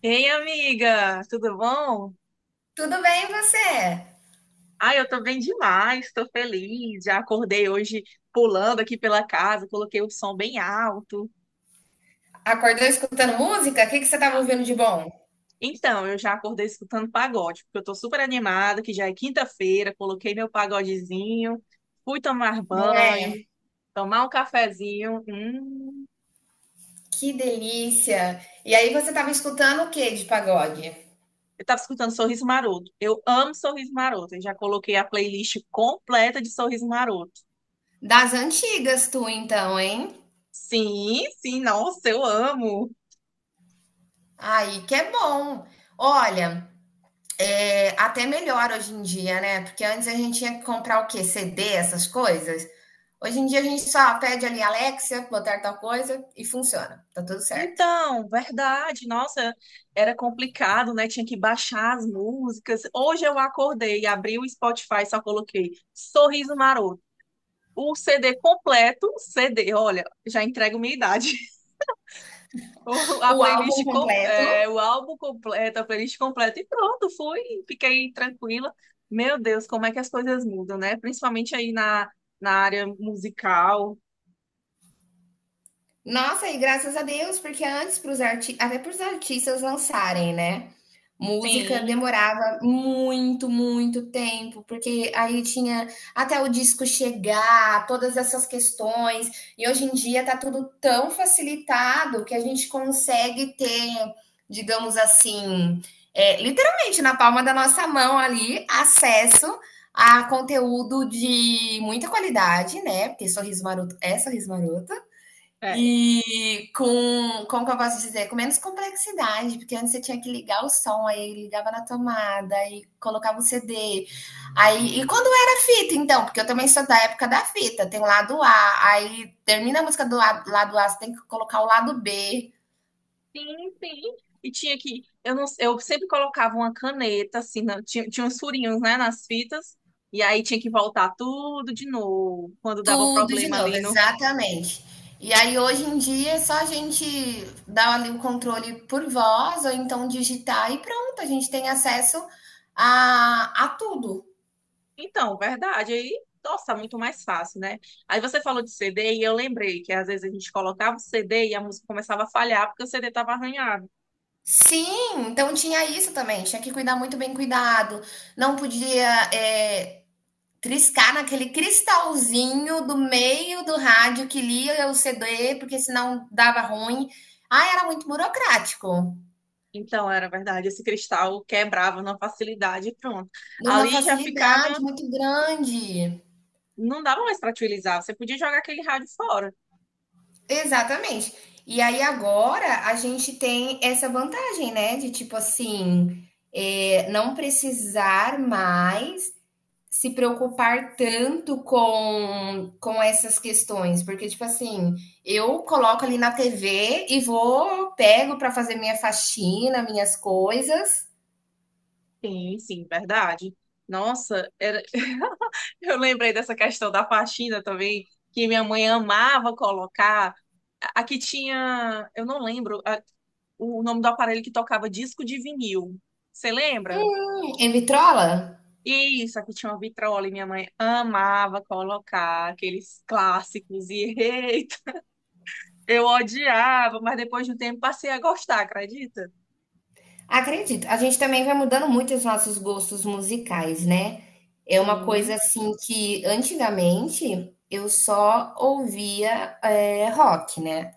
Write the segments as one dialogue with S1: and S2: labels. S1: Ei, amiga, tudo bom?
S2: Tudo bem, e você?
S1: Ai, eu tô bem demais, tô feliz. Já acordei hoje pulando aqui pela casa, coloquei o som bem alto.
S2: Acordou escutando música? O que que você estava ouvindo de bom?
S1: Então, eu já acordei escutando pagode, porque eu tô super animada, que já é quinta-feira, coloquei meu pagodezinho, fui tomar
S2: Não é?
S1: banho, tomar um cafezinho.
S2: Que delícia! E aí você estava escutando o que de pagode?
S1: Eu tava escutando Sorriso Maroto. Eu amo Sorriso Maroto. Eu já coloquei a playlist completa de Sorriso Maroto.
S2: Das antigas, tu então, hein?
S1: Sim, sim, nossa, eu amo.
S2: Aí que é bom. Olha, até melhor hoje em dia, né? Porque antes a gente tinha que comprar o quê? CD, essas coisas. Hoje em dia a gente só pede ali Alexa, botar tal coisa e funciona. Tá tudo certo.
S1: Então, verdade, nossa, era complicado, né? Tinha que baixar as músicas. Hoje eu acordei, abri o Spotify, só coloquei Sorriso Maroto. O CD completo, CD, olha, já entrego minha idade. A
S2: O álbum
S1: playlist,
S2: completo.
S1: o álbum completo, a playlist completa e pronto, fui, fiquei tranquila. Meu Deus, como é que as coisas mudam, né? Principalmente aí na, na área musical.
S2: Nossa, e graças a Deus, porque antes para os arti até para os artistas lançarem, né, música
S1: Sim,
S2: demorava muito, muito tempo, porque aí tinha até o disco chegar, todas essas questões, e hoje em dia está tudo tão facilitado que a gente consegue ter, digamos assim, literalmente na palma da nossa mão ali, acesso a conteúdo de muita qualidade, né, porque Sorriso Maroto é Sorriso Maroto.
S1: é.
S2: Como que eu posso dizer? Com menos complexidade, porque antes você tinha que ligar o som, aí ligava na tomada, aí colocava o CD. Aí, e quando era fita, então? Porque eu também sou da época da fita, tem o lado A, aí termina a música do lado A, você tem que colocar o lado B,
S1: Sim, sim. E tinha que, eu não, eu sempre colocava uma caneta assim, na- tinha uns furinhos, né, nas fitas, e aí tinha que voltar tudo de novo, quando dava
S2: tudo de
S1: problema
S2: novo,
S1: ali no.
S2: exatamente. E aí hoje em dia é só a gente dar ali o controle por voz, ou então digitar e pronto, a gente tem acesso a tudo.
S1: Então, verdade, aí, nossa, muito mais fácil, né? Aí você falou de CD e eu lembrei que às vezes a gente colocava o CD e a música começava a falhar porque o CD estava arranhado.
S2: Sim, então tinha isso também. Tinha que cuidar muito bem cuidado. Não podia é, triscar naquele cristalzinho do meio do rádio que lia o CD, porque senão dava ruim. Ah, era muito burocrático.
S1: Então, era verdade, esse cristal quebrava na facilidade e pronto.
S2: Numa
S1: Ali já ficava,
S2: facilidade muito grande.
S1: não dava mais para utilizar, você podia jogar aquele rádio fora.
S2: Exatamente. E aí agora a gente tem essa vantagem, né? De tipo assim, não precisar mais se preocupar tanto com essas questões, porque, tipo assim, eu coloco ali na TV e vou, pego para fazer minha faxina, minhas coisas,
S1: Sim, sim, verdade. Nossa, era... eu lembrei dessa questão da faxina também, que minha mãe amava colocar. A que tinha, eu não lembro o nome do aparelho que tocava disco de vinil. Você lembra?
S2: e me trola.
S1: Isso, aqui tinha uma vitrola e minha mãe amava colocar aqueles clássicos e eita, eu odiava, mas depois de um tempo passei a gostar, acredita?
S2: Acredito, a gente também vai mudando muito os nossos gostos musicais, né? É uma coisa
S1: Sim,
S2: assim que antigamente eu só ouvia rock, né?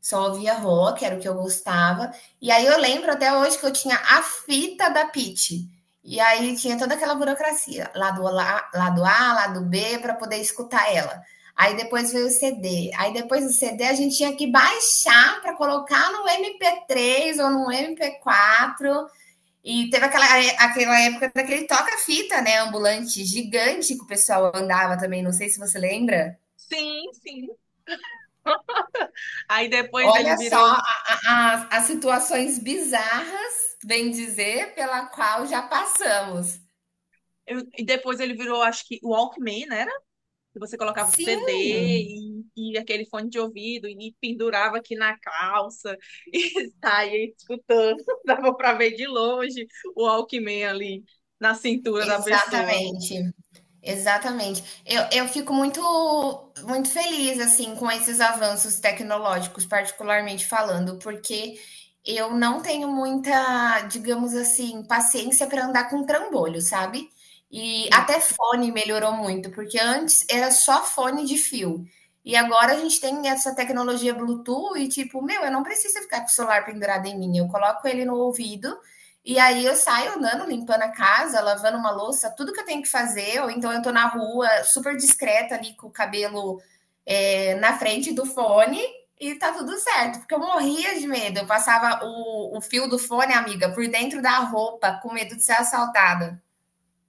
S2: Só ouvia rock, era o que eu gostava. E aí eu lembro até hoje que eu tinha a fita da Pitty. E aí tinha toda aquela burocracia, lado A, lado B, para poder escutar ela. Aí depois veio o CD. Aí depois do CD a gente tinha que baixar para colocar no MP3 ou no MP4. E teve aquela época daquele toca-fita, né? Ambulante gigante que o pessoal andava também, não sei se você lembra.
S1: sim, sim. Aí depois ele
S2: Olha só
S1: virou
S2: as situações bizarras, bem dizer, pela qual já passamos.
S1: Eu- e depois ele virou, acho que, o Walkman, né? Era? Que você colocava o CD
S2: Sim,
S1: e, aquele fone de ouvido e pendurava aqui na calça e saía escutando. Dava pra ver de longe o Walkman ali na cintura da pessoa.
S2: exatamente. Exatamente. Eu fico muito, muito feliz assim com esses avanços tecnológicos, particularmente falando, porque eu não tenho muita, digamos assim, paciência para andar com trambolho, sabe? E até fone melhorou muito, porque antes era só fone de fio. E agora a gente tem essa tecnologia Bluetooth e tipo, meu, eu não preciso ficar com o celular pendurado em mim, eu coloco ele no ouvido e aí eu saio andando, limpando a casa, lavando uma louça, tudo que eu tenho que fazer, ou então eu tô na rua, super discreta ali, com o cabelo na frente do fone, e tá tudo certo, porque eu morria de medo. Eu passava o fio do fone, amiga, por dentro da roupa, com medo de ser assaltada.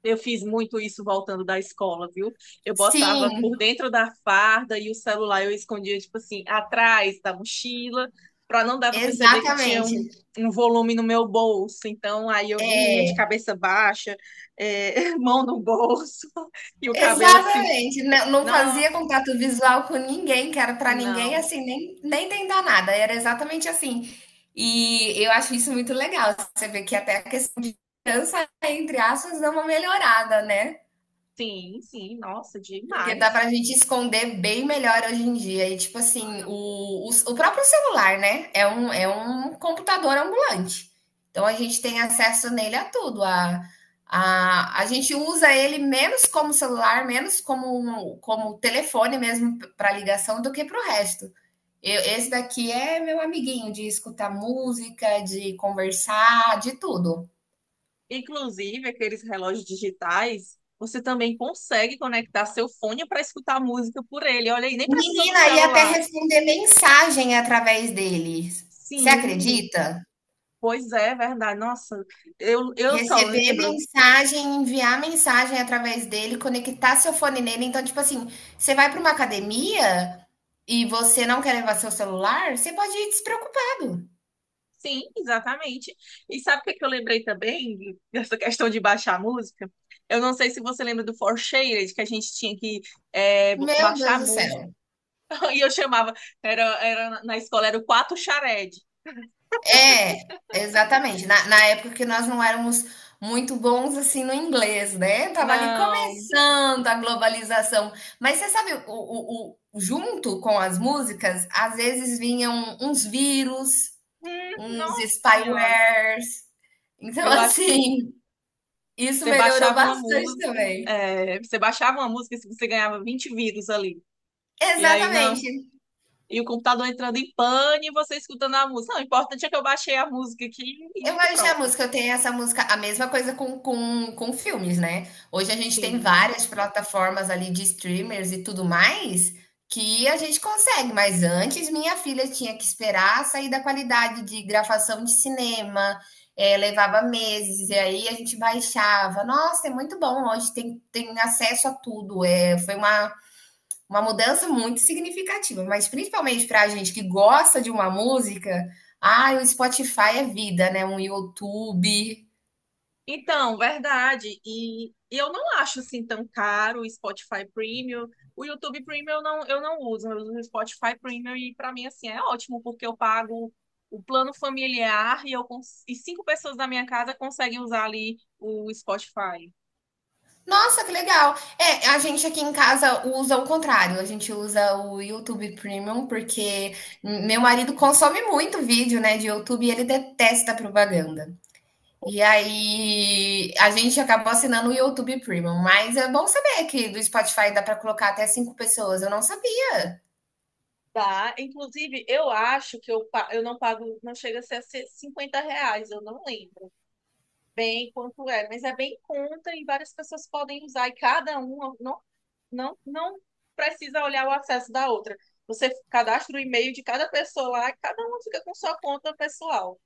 S1: Eu fiz muito isso voltando da escola, viu? Eu botava por
S2: Sim,
S1: dentro da farda e o celular eu escondia, tipo assim, atrás da mochila, para não dar para perceber que tinha
S2: exatamente.
S1: um volume no meu bolso. Então, aí eu vinha de cabeça baixa, mão no bolso e o cabelo assim.
S2: Exatamente, não
S1: Nossa,
S2: fazia contato visual com ninguém, que era para ninguém,
S1: não.
S2: assim, nem tentar nada, era exatamente assim. E eu acho isso muito legal, você vê que até a questão de criança, entre aspas, dá uma melhorada, né?
S1: Sim, sim, nossa,
S2: Porque dá
S1: demais.
S2: pra gente esconder bem melhor hoje em dia. E, tipo assim, o próprio celular, né? É um computador ambulante. Então, a gente tem acesso nele a tudo. A gente usa ele menos como celular, menos como telefone mesmo para ligação do que para o resto. Esse daqui é meu amiguinho de escutar música, de conversar, de tudo.
S1: Inclusive, aqueles relógios digitais você também consegue conectar seu fone para escutar música por ele. Olha aí, nem precisou do
S2: Menina, e até
S1: celular.
S2: responder mensagem através dele. Você
S1: Sim,
S2: acredita?
S1: pois é, verdade. Nossa, eu só
S2: Receber
S1: lembro.
S2: mensagem, enviar mensagem através dele, conectar seu fone nele. Então, tipo assim, você vai para uma academia e você não quer levar seu celular, você pode ir despreocupado.
S1: Sim, exatamente. E sabe o que que eu lembrei também dessa questão de baixar a música? Eu não sei se você lembra do Four Shaded, que a gente tinha que
S2: Meu
S1: baixar a
S2: Deus do
S1: música.
S2: céu.
S1: E eu chamava, era, era na escola, era o Quatro Shared.
S2: É, exatamente. Na época que nós não éramos muito bons assim no inglês, né? Tava ali
S1: Não,
S2: começando a globalização. Mas você sabe, junto com as músicas, às vezes vinham uns vírus,
S1: hum,
S2: uns
S1: nossa senhora.
S2: spywares. Então,
S1: Eu acho que
S2: assim, isso
S1: você
S2: melhorou
S1: baixava uma
S2: bastante
S1: música,
S2: também.
S1: é, você baixava uma música se você ganhava 20 vírus ali. E aí, não.
S2: Exatamente.
S1: E o computador entrando em pane e você escutando a música. Não, o importante é que eu baixei a música aqui
S2: Eu
S1: e
S2: vou deixar a
S1: pronto.
S2: música, eu tenho essa música, a mesma coisa com filmes, né? Hoje a gente tem
S1: Sim.
S2: várias plataformas ali de streamers e tudo mais que a gente consegue, mas antes minha filha tinha que esperar sair da qualidade de gravação de cinema, levava meses, e aí a gente baixava. Nossa, é muito bom, hoje tem, acesso a tudo. É, foi uma mudança muito significativa, mas principalmente pra gente que gosta de uma música, ah, o Spotify é vida, né, um YouTube.
S1: Então, verdade. E eu não acho assim tão caro o Spotify Premium. O YouTube Premium eu não uso, eu uso o Spotify Premium e para mim assim é ótimo porque eu pago o plano familiar e cinco pessoas da minha casa conseguem usar ali o Spotify.
S2: Nossa, que legal. É, a gente aqui em casa usa o contrário, a gente usa o YouTube Premium porque meu marido consome muito vídeo, né, de YouTube e ele detesta propaganda. E aí a gente acabou assinando o YouTube Premium, mas é bom saber que do Spotify dá para colocar até 5 pessoas, eu não sabia.
S1: Tá, inclusive eu acho que eu não pago, não chega a ser R$ 50, eu não lembro. Bem quanto é, mas é bem conta e várias pessoas podem usar e cada uma não, não, não precisa olhar o acesso da outra. Você cadastra o e-mail de cada pessoa lá, e cada uma fica com sua conta pessoal.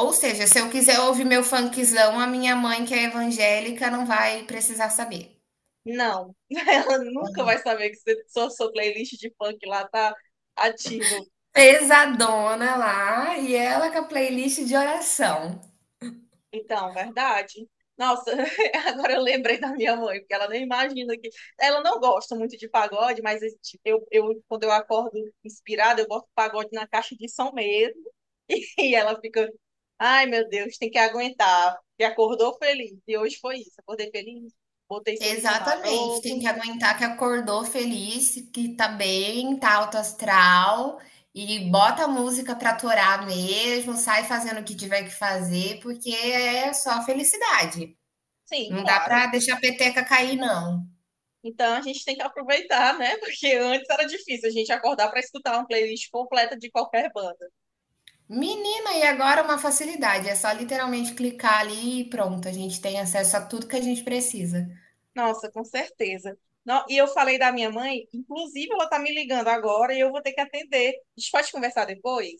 S2: Ou seja, se eu quiser ouvir meu funkzão, a minha mãe, que é evangélica, não vai precisar saber.
S1: Não, ela nunca vai saber que você- sua playlist de funk lá tá ativa.
S2: Pesadona lá, e ela com a playlist de oração.
S1: Então, verdade. Nossa, agora eu lembrei da minha mãe, porque ela nem imagina que. Ela não gosta muito de pagode, mas tipo, quando eu acordo inspirada, eu boto pagode na caixa de som mesmo. E ela fica, ai meu Deus, tem que aguentar. E acordou feliz. E hoje foi isso. Acordei feliz, botei sorriso
S2: Exatamente, tem
S1: maroto.
S2: que aguentar que acordou feliz, que tá bem, tá alto astral e bota a música pra torar mesmo, sai fazendo o que tiver que fazer, porque é só felicidade.
S1: Sim,
S2: Não dá
S1: claro.
S2: pra deixar a peteca cair, não.
S1: Então a gente tem que aproveitar, né? Porque antes era difícil a gente acordar para escutar uma playlist completa de qualquer banda.
S2: Menina, e agora uma facilidade, é só literalmente clicar ali e pronto, a gente tem acesso a tudo que a gente precisa.
S1: Nossa, com certeza. Não, e eu falei da minha mãe, inclusive ela tá me ligando agora e eu vou ter que atender. A gente pode conversar depois?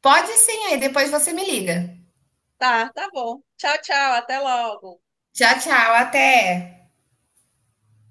S2: Pode sim, aí depois você me liga.
S1: Tá, tá bom. Tchau, tchau, até logo.
S2: Tchau, tchau, até.